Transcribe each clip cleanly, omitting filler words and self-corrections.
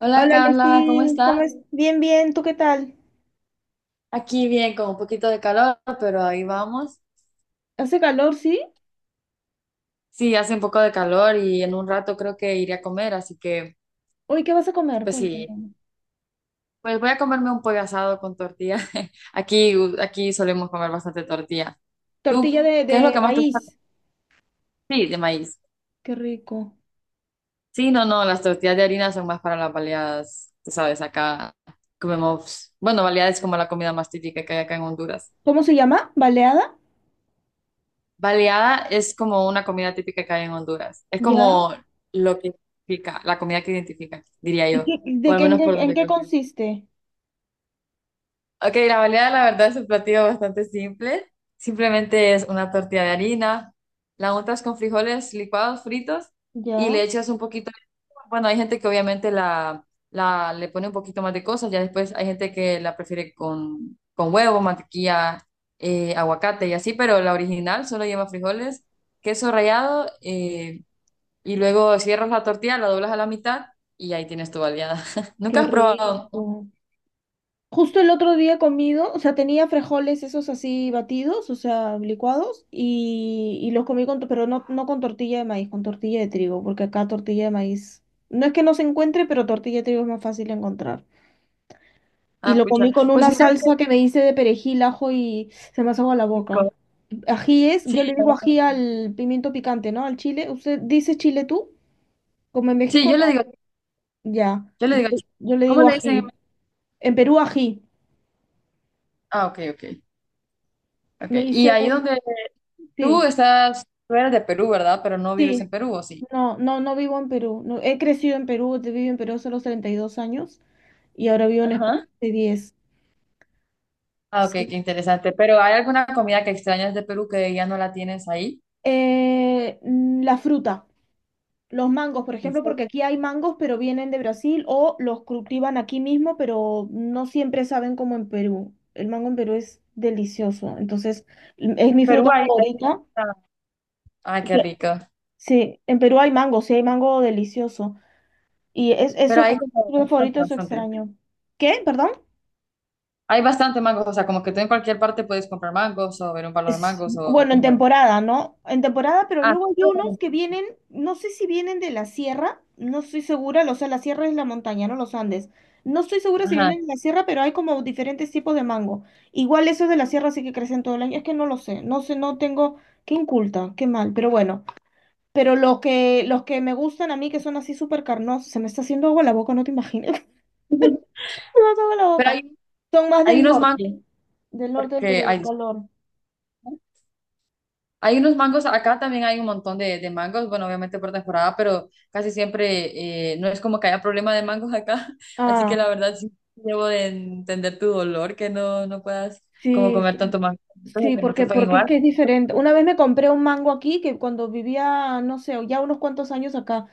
Hola Hola, Carla, ¿cómo Leslie, estás? ¿cómo es? Bien, bien, ¿tú qué tal? Aquí bien, con un poquito de calor, pero ahí vamos. ¿Hace calor, sí? Sí, hace un poco de calor y en un rato creo que iré a comer, así que Hoy, ¿qué vas a comer? pues sí, Cuéntame. pues voy a comerme un pollo asado con tortilla. Aquí, aquí solemos comer bastante tortilla. ¿Tú Tortilla de, qué es lo que de más te gusta? maíz. Sí, de maíz. Qué rico. Sí, no, no, las tortillas de harina son más para las baleadas, tú sabes, acá comemos, bueno, baleadas es como la comida más típica que hay acá en Honduras. ¿Cómo se llama? ¿Baleada? Baleada es como una comida típica que hay en Honduras. Es Ya. como lo que identifica, la comida que identifica, diría ¿Y yo, qué, o de al qué, en menos qué, por en donde qué creo. Consiste? Ok, la baleada la verdad es un platillo bastante simple. Simplemente es una tortilla de harina, la untas con frijoles licuados, fritos, y Ya. le echas un poquito, bueno, hay gente que obviamente la le pone un poquito más de cosas, ya después hay gente que la prefiere con huevo, mantequilla, aguacate y así, pero la original solo lleva frijoles, queso rallado, y luego cierras la tortilla, la doblas a la mitad y ahí tienes tu baleada. ¿Nunca Qué has probado? rico. Justo el otro día he comido, o sea, tenía frijoles esos así batidos, o sea, licuados, y los comí pero no, no con tortilla de maíz, con tortilla de trigo, porque acá tortilla de maíz, no es que no se encuentre, pero tortilla de trigo es más fácil de encontrar. Y Ah, lo pucha. comí con Pues una mira salsa que me hice de perejil, ajo y se me hace agua la qué boca. rico. Ají es, Sí, yo le digo ají al pimiento picante, ¿no? Al chile. ¿Usted dice chile tú? Como en sí, México yo le no. digo, Ya. yo le Yo, digo, yo le ¿cómo digo le dicen en ají. México? En Perú ají. Ah, ok, ok, ok. Me Y hice ahí un... donde tú Sí, estás, tú eres de Perú, ¿verdad? Pero no vives sí. en Perú, ¿o sí? No, no, no vivo en Perú. No, he crecido en Perú, te vivo en Perú hace los 32 años y ahora vivo en España Ajá. hace 10. Ah, ok, qué Sí. interesante. Pero ¿hay alguna comida que extrañas de Perú que ya no la tienes ahí? La fruta. Los mangos, por ¿En ejemplo, porque serio? aquí hay mangos, pero vienen de Brasil o los cultivan aquí mismo, pero no siempre saben como en Perú. El mango en Perú es delicioso, entonces es En mi Perú fruta hay favorita. mucha- Ay, qué que- rico. Sí, en Perú hay mango, sí hay mango delicioso. Y es Pero eso hay como como fruta bastante, favorito, eso bastante. extraño. ¿Qué? ¿Perdón? Hay bastante mangos, o sea, como que tú en cualquier parte puedes comprar mangos o ver un palo de mangos o Bueno, en cómo es. temporada, ¿no? En temporada, pero Ah, sí, luego hay unos bueno, que vienen, no sé si vienen de la sierra, no estoy segura, o sea, la sierra es la montaña, no los Andes. No estoy segura si ajá. vienen de la sierra, pero hay como diferentes tipos de mango. Igual esos de la sierra sí que crecen todo el año, es que no lo sé, no tengo, qué inculta, qué mal, pero bueno. Pero los que me gustan a mí, que son así súper carnosos, se me está haciendo agua la boca, no te imaginas, me hace agua la Pero boca. Son más hay del unos mangos norte, del norte del porque, Perú, ay, del disculpa. calor. Hay unos mangos, acá también hay un montón de mangos, bueno, obviamente por temporada, pero casi siempre, no es como que haya problema de mangos acá, así que la Ah. verdad sí debo de entender tu dolor, que no, no puedas como Sí, comer tanto mango, como sí, que no porque, sepan porque es igual. que es diferente. Una vez me compré un mango aquí, que cuando vivía, no sé, ya unos cuantos años acá,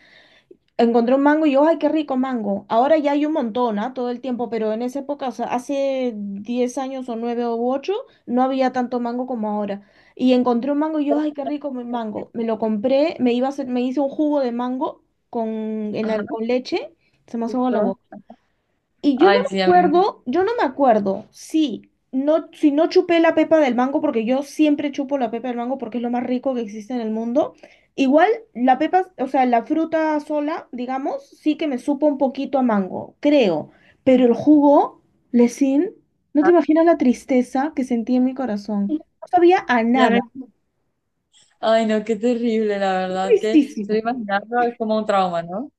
encontré un mango y yo, ay, qué rico mango. Ahora ya hay un montón, ¿ah? Todo el tiempo, pero en esa época, o sea, hace 10 años o 9 u 8 no había tanto mango como ahora. Y encontré un mango y yo, ay, qué rico mi mango. Me lo compré, me iba a hacer, me hice un jugo de mango Ajá, con leche, se me hace agua la listo. boca. Y yo no Ay, sí, me ya me acuerdo, yo no me acuerdo si no chupé la pepa del mango, porque yo siempre chupo la pepa del mango porque es lo más rico que existe en el mundo. Igual la pepa, o sea, la fruta sola, digamos, sí que me supo un poquito a mango, creo. Pero el jugo, Lesin, no te encanta. imaginas la tristeza que sentí en mi corazón. No sabía a Ya nada. me- Ay, no, qué terrible, la verdad, que solo Tristísimo. imaginando, es como un trauma, ¿no?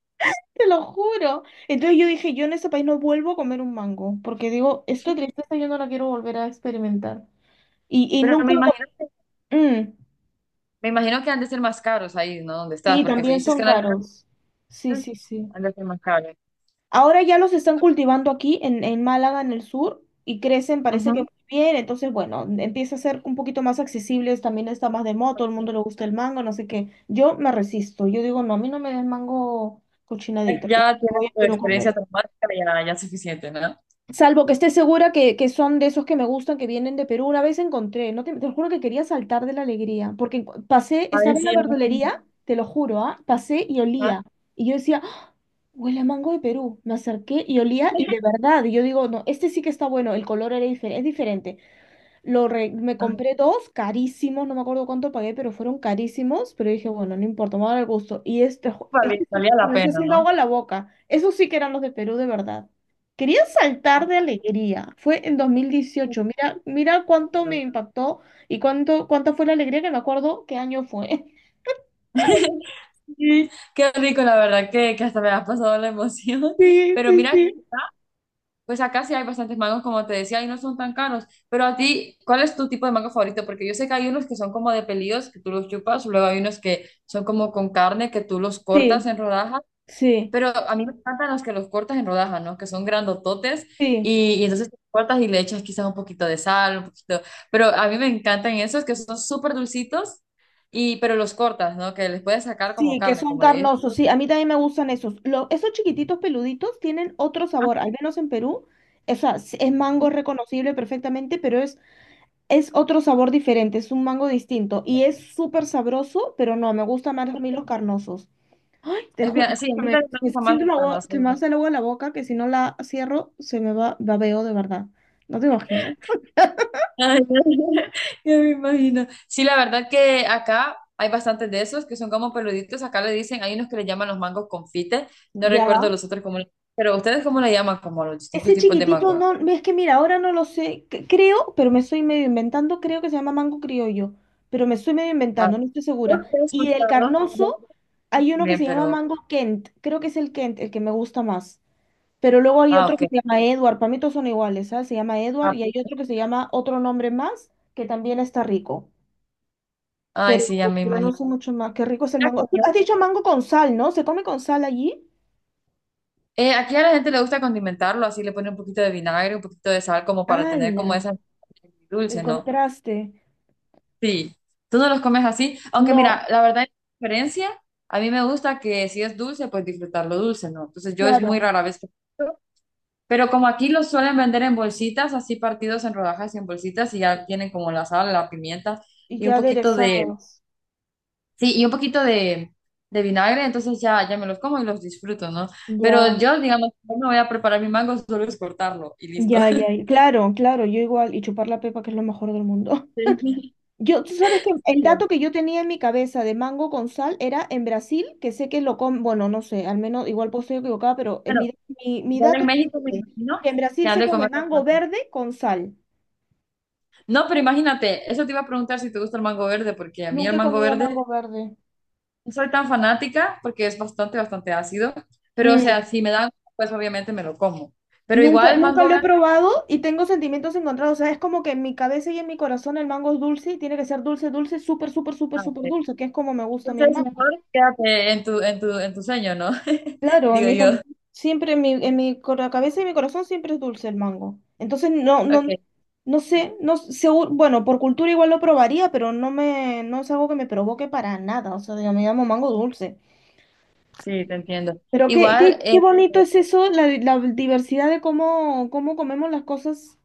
Te lo juro. Entonces yo dije, yo en ese país no vuelvo a comer un mango, porque digo, esta tristeza yo no la quiero volver a experimentar. Y Pero nunca... Mm, me imagino que han de ser más caros ahí, ¿no? Donde estás, sí, porque si también dices son que no hay caros. Sí, sí, sí. algo que más cabe. Ahora ya los están cultivando aquí en Málaga, en el sur, y crecen, parece que muy Ujú, bien. Entonces, bueno, empieza a ser un poquito más accesibles. También está más de moda, todo el ok. mundo le gusta el mango, no sé qué. Yo me resisto. Yo digo, no, a mí no me des mango cochinadito. Ya Ya ya tienes voy a tu Perú a comer. experiencia traumática, ya, ya es suficiente, ¿no? Salvo que esté segura que son de esos que me gustan, que vienen de Perú. Una vez encontré, no te, te lo juro que quería saltar de la alegría, porque pasé, A ver estaba en si la ya... no- verdulería, te lo juro, ¿ah? Pasé y ¿Ah? olía. Y yo decía, "¡Ah! huele a mango de Perú. Me acerqué y olía y de verdad, y yo digo, no, este sí que está bueno, el color es diferente. Me Ajá, compré dos carísimos, no me acuerdo cuánto pagué, pero fueron carísimos. Pero dije, bueno, no importa, me va a dar el gusto. Y Valía, este se valía me la me está pena, haciendo ¿no? agua en la boca. Esos sí que eran los de Perú, de verdad. Quería Ah, saltar de alegría. Fue en 2018. Mira, mira cuánto me impactó y cuánto, cuánta fue la alegría que me acuerdo qué año fue. sí, qué rico, la verdad, que hasta me ha pasado la emoción. Sí, Pero sí, mira, sí. pues acá sí hay bastantes mangos, como te decía, y no son tan caros. Pero a ti, ¿cuál es tu tipo de mango favorito? Porque yo sé que hay unos que son como de pelillos, que tú los chupas, luego hay unos que son como con carne, que tú los cortas Sí, en rodajas. sí, Pero a mí me encantan los que los cortas en rodajas, ¿no? Que son grandototes sí. Y entonces los cortas y le echas quizás un poquito de sal, un poquito. Pero a mí me encantan esos que son súper dulcitos y pero los cortas, ¿no? Que les puedes sacar como Sí, que carne, son como le dices carnosos. Sí, tú. a mí también me gustan esos. Esos chiquititos peluditos tienen otro Ah, sabor, al menos en Perú. O sea, sí, es mango sí, reconocible perfectamente, pero es otro sabor diferente, es un mango distinto. Y es súper sabroso, pero no, me gustan más a mí los carnosos. Ay, te es juro, bien, sí, a mí me, también me me gusta más siento la esto, agua, te no me no. hace el agua en la boca que si no la cierro se me va, babeo de verdad. ¿No te imaginas? Ay, ya me imagino. Sí, la verdad que acá hay bastantes de esos que son como peluditos. Acá le dicen, hay unos que le llaman los mangos confites. No recuerdo Ya. los otros cómo le- Pero ustedes cómo le llaman como los distintos Ese tipos de chiquitito, mangos. no, es que mira, ahora no lo sé, creo, pero me estoy medio inventando, creo que se llama mango criollo, pero me estoy medio Ah, inventando, no estoy no segura. te he Y del escuchado. Yo carnoso hay uno que también, se llama pero. mango Kent, creo que es el Kent, el que me gusta más. Pero luego hay Ah, otro ok. que se llama Edward, para mí todos son iguales, ¿sabes? Se llama Edward Ah, y hay pues, otro que se llama otro nombre más, que también está rico, ay, pero, sí, ya me pero no imagino. sé mucho más, qué rico es el Mira que mango. Has yo- dicho mango con sal, ¿no? ¿Se come con sal allí? Aquí a la gente le gusta condimentarlo, así le pone un poquito de vinagre, un poquito de sal, como para tener ¡Hala! como esa El dulce, ¿no? contraste. Sí. Tú no los comes así. Aunque mira, No, la verdad, la diferencia, a mí me gusta que si es dulce, pues disfrutarlo dulce, ¿no? Entonces yo es muy claro. rara vez que. Pero como aquí los suelen vender en bolsitas, así partidos en rodajas y en bolsitas, y ya tienen como la sal, la pimienta Y y un ya poquito de. aderezados. Sí, y un poquito de vinagre, entonces ya, ya me los como y los disfruto, ¿no? Pero Ya, yo, digamos, no me voy a preparar mi mango, solo es cortarlo y listo. ya, ya. Claro, claro, yo igual. Y chupar la pepa, que es lo mejor del mundo. Sí, Yo, tú sabes que el bien. dato que yo tenía en mi cabeza de mango con sal era en Brasil, que sé que lo comen, bueno, no sé, al menos igual puedo estar equivocada, pero en Bueno, mi, mi, mi igual dato en es México me este, imagino que en que Brasil han se de come comer mango bastante. verde con sal. No, pero imagínate, eso te iba a preguntar si te gusta el mango verde, porque a mí el Nunca he mango comido mango verde verde. no soy tan fanática porque es bastante, bastante ácido, pero o Mm, sea, si me dan, pues obviamente me lo como. Pero Nunca, igual el nunca mango lo he verde, probado y tengo sentimientos encontrados. O sea, es como que en mi cabeza y en mi corazón el mango es dulce y tiene que ser dulce, dulce, súper, súper, súper, ah, ok, súper dulce, que es como me gusta a mí el. entonces mejor quédate en en tu sueño, ¿no? Claro, Digo yo. Siempre en mi cabeza y mi corazón siempre es dulce el mango. Entonces no, Ok. no, no sé, no sé, bueno, por cultura igual lo probaría, pero no me, no es algo que me provoque para nada. O sea, digo, me llamo mango dulce. Sí, te entiendo. Pero qué, Igual, qué, qué bonito es eso, la diversidad de cómo comemos las cosas,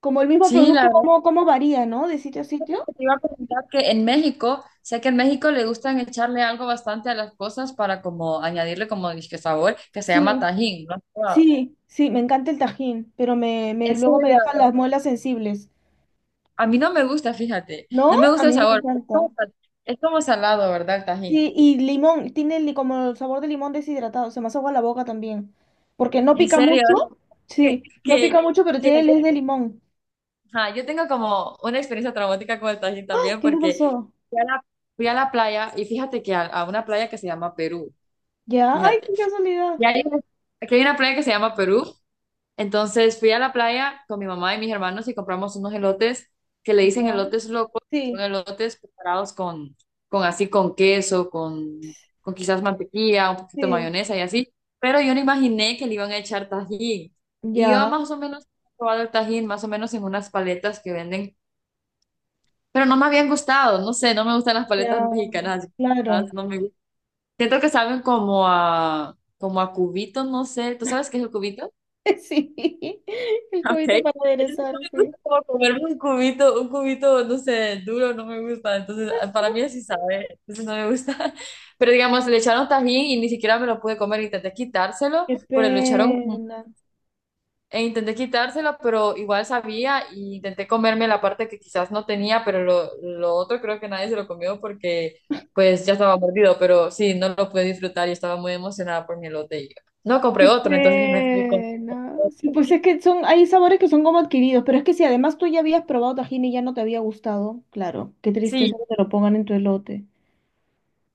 como el mismo sí, la producto, verdad cómo varía, ¿no? De sitio a es sitio. que te iba a preguntar que en México, sé que en México le gustan echarle algo bastante a las cosas para como añadirle como disque sabor, que se llama Sí, Tajín, ¿no? sí, sí, me encanta el tajín, pero En luego me serio, dejan las muelas sensibles. a mí no me gusta, fíjate, ¿No? no me A gusta el mí me sabor, es encanta. como, sal- es como salado, ¿verdad, el Tajín? Sí, y limón, tiene como el sabor de limón deshidratado, se me hace agua la boca también. Porque no En pica serio, mucho, es sí, no pica que, mucho, pero que, que- tiene el es de limón. ajá, yo tengo como una experiencia traumática con el Tajín ¡Ah! también ¿Qué te porque pasó? fui a la, fui a la playa y fíjate que a una playa que se llama Perú. ¿Ya? ¡Ay, Fíjate. qué casualidad! Y hay una- aquí hay una playa que se llama Perú. Entonces fui a la playa con mi mamá y mis hermanos y compramos unos elotes que le dicen Ya, elotes locos. Son sí, elotes preparados con así, con quizás mantequilla, un poquito de sí, mayonesa y así. Pero yo no imaginé que le iban a echar tajín. Y yo ya, más o menos he probado el tajín, más o menos en unas paletas que venden. Pero no me habían gustado. No sé, no me gustan las paletas ya, mexicanas. claro. Las- No me siento que saben como a, como a cubitos, no sé. ¿Tú sabes qué es el cubito? Sí, el cubito Okay. para Entonces aderezar, no me sí. gusta como comerme un cubito, no sé, duro, no me gusta. Entonces, ah, para mí así sabe, entonces no me gusta. Pero digamos, le echaron tajín y ni siquiera me lo pude comer, intenté quitárselo, Qué pero le echaron pena. e intenté quitárselo, pero igual sabía y intenté comerme la parte que quizás no tenía, pero lo otro creo que nadie se lo comió porque pues ya estaba mordido, pero sí, no lo pude disfrutar y estaba muy emocionada por mi elote. Y no compré Qué otro, entonces me fui con... pena. Sí, pues es que son, hay sabores que son como adquiridos, pero es que si además tú ya habías probado tajín y ya no te había gustado, claro, qué tristeza Sí, que te lo pongan en tu elote.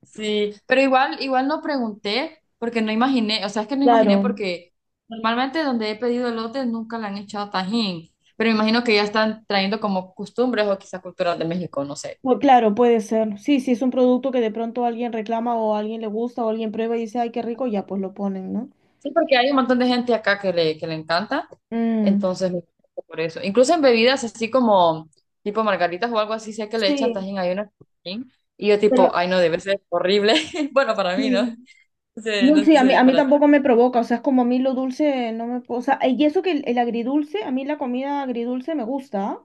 sí, pero igual, igual no pregunté porque no imaginé, o sea, es que no imaginé Claro, porque normalmente donde he pedido elotes nunca le han echado tajín, pero me imagino que ya están trayendo como costumbres o quizás culturas de México, no sé. Claro, puede ser. Sí, sí, es un producto que de pronto alguien reclama o a alguien le gusta o alguien prueba y dice, ay, qué rico, ya pues lo ponen, ¿no? Sí, porque hay un montón de gente acá que le encanta, Mm, entonces me gusta por eso. Incluso en bebidas así como tipo margaritas o algo así, sé que le echan sí, tajín, hay una tajín, y yo tipo, pero ay no, debe ser horrible. Bueno, para mí, ¿no? sí. No sé, No, no sí, a mí, sé, a mí para ti. tampoco me provoca, o sea, es como a mí lo dulce no me... O sea, y eso que el agridulce, a mí la comida agridulce me gusta.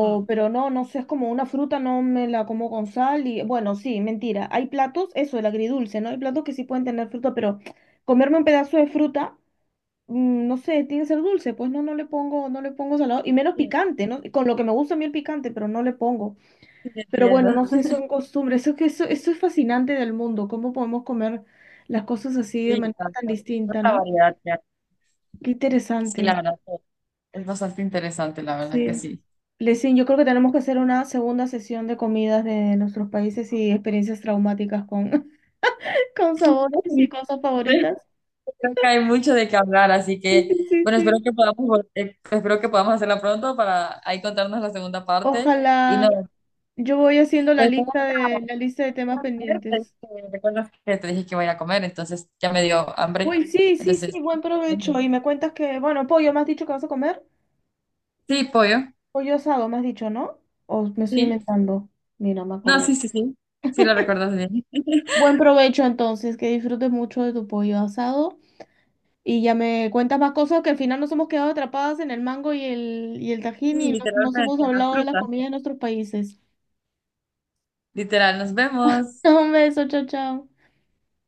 Mm. pero no, no sé, es como una fruta, no me la como con sal y bueno, sí, mentira. Hay platos, eso, el agridulce, ¿no? Hay platos que sí pueden tener fruta, pero comerme un pedazo de fruta, no sé, tiene que ser dulce, pues no, no le pongo salado y menos Sí, picante, ¿no? Con lo que me gusta a mí el picante, pero no le pongo. sí te Pero entiendo. bueno, no sé, son costumbres, eso es que eso es fascinante del mundo, cómo podemos comer las cosas así de Sí, manera tan tanto. distinta, Tanta ¿no? variedad ya. Qué Sí, la interesante. verdad que es bastante interesante, la verdad que Sí. sí. Lesin, yo creo que tenemos que hacer una segunda sesión de comidas de nuestros países y experiencias traumáticas con, con sabores y cosas favoritas. Creo que hay mucho de qué hablar, así Sí, que, sí, sí, bueno, espero sí. que podamos, vol- espero que podamos hacerla pronto para ahí contarnos la segunda parte. Y Ojalá. no, Yo voy haciendo la pues tengo lista que de la lista de ir temas a comer, pues, pendientes. Recuerdas que te dije que voy a ir a comer, entonces ya me dio hambre. Uy, sí, sí, sí, Entonces, buen provecho. Y me cuentas que, bueno, pollo, me has dicho que vas a comer. sí, pollo, Pollo asado, me has dicho, ¿no? O me estoy sí. inventando. Mira, me No, acordé. sí, sí, sí, sí lo recuerdas bien. Buen provecho entonces, que disfrutes mucho de tu pollo asado. Y ya me cuentas más cosas que al final nos hemos quedado atrapadas en el mango y el Sí, tajín y no nos hemos literalmente, las hablado de la frutas. comida de nuestros países. Literal, nos vemos. Un beso, chao, chao.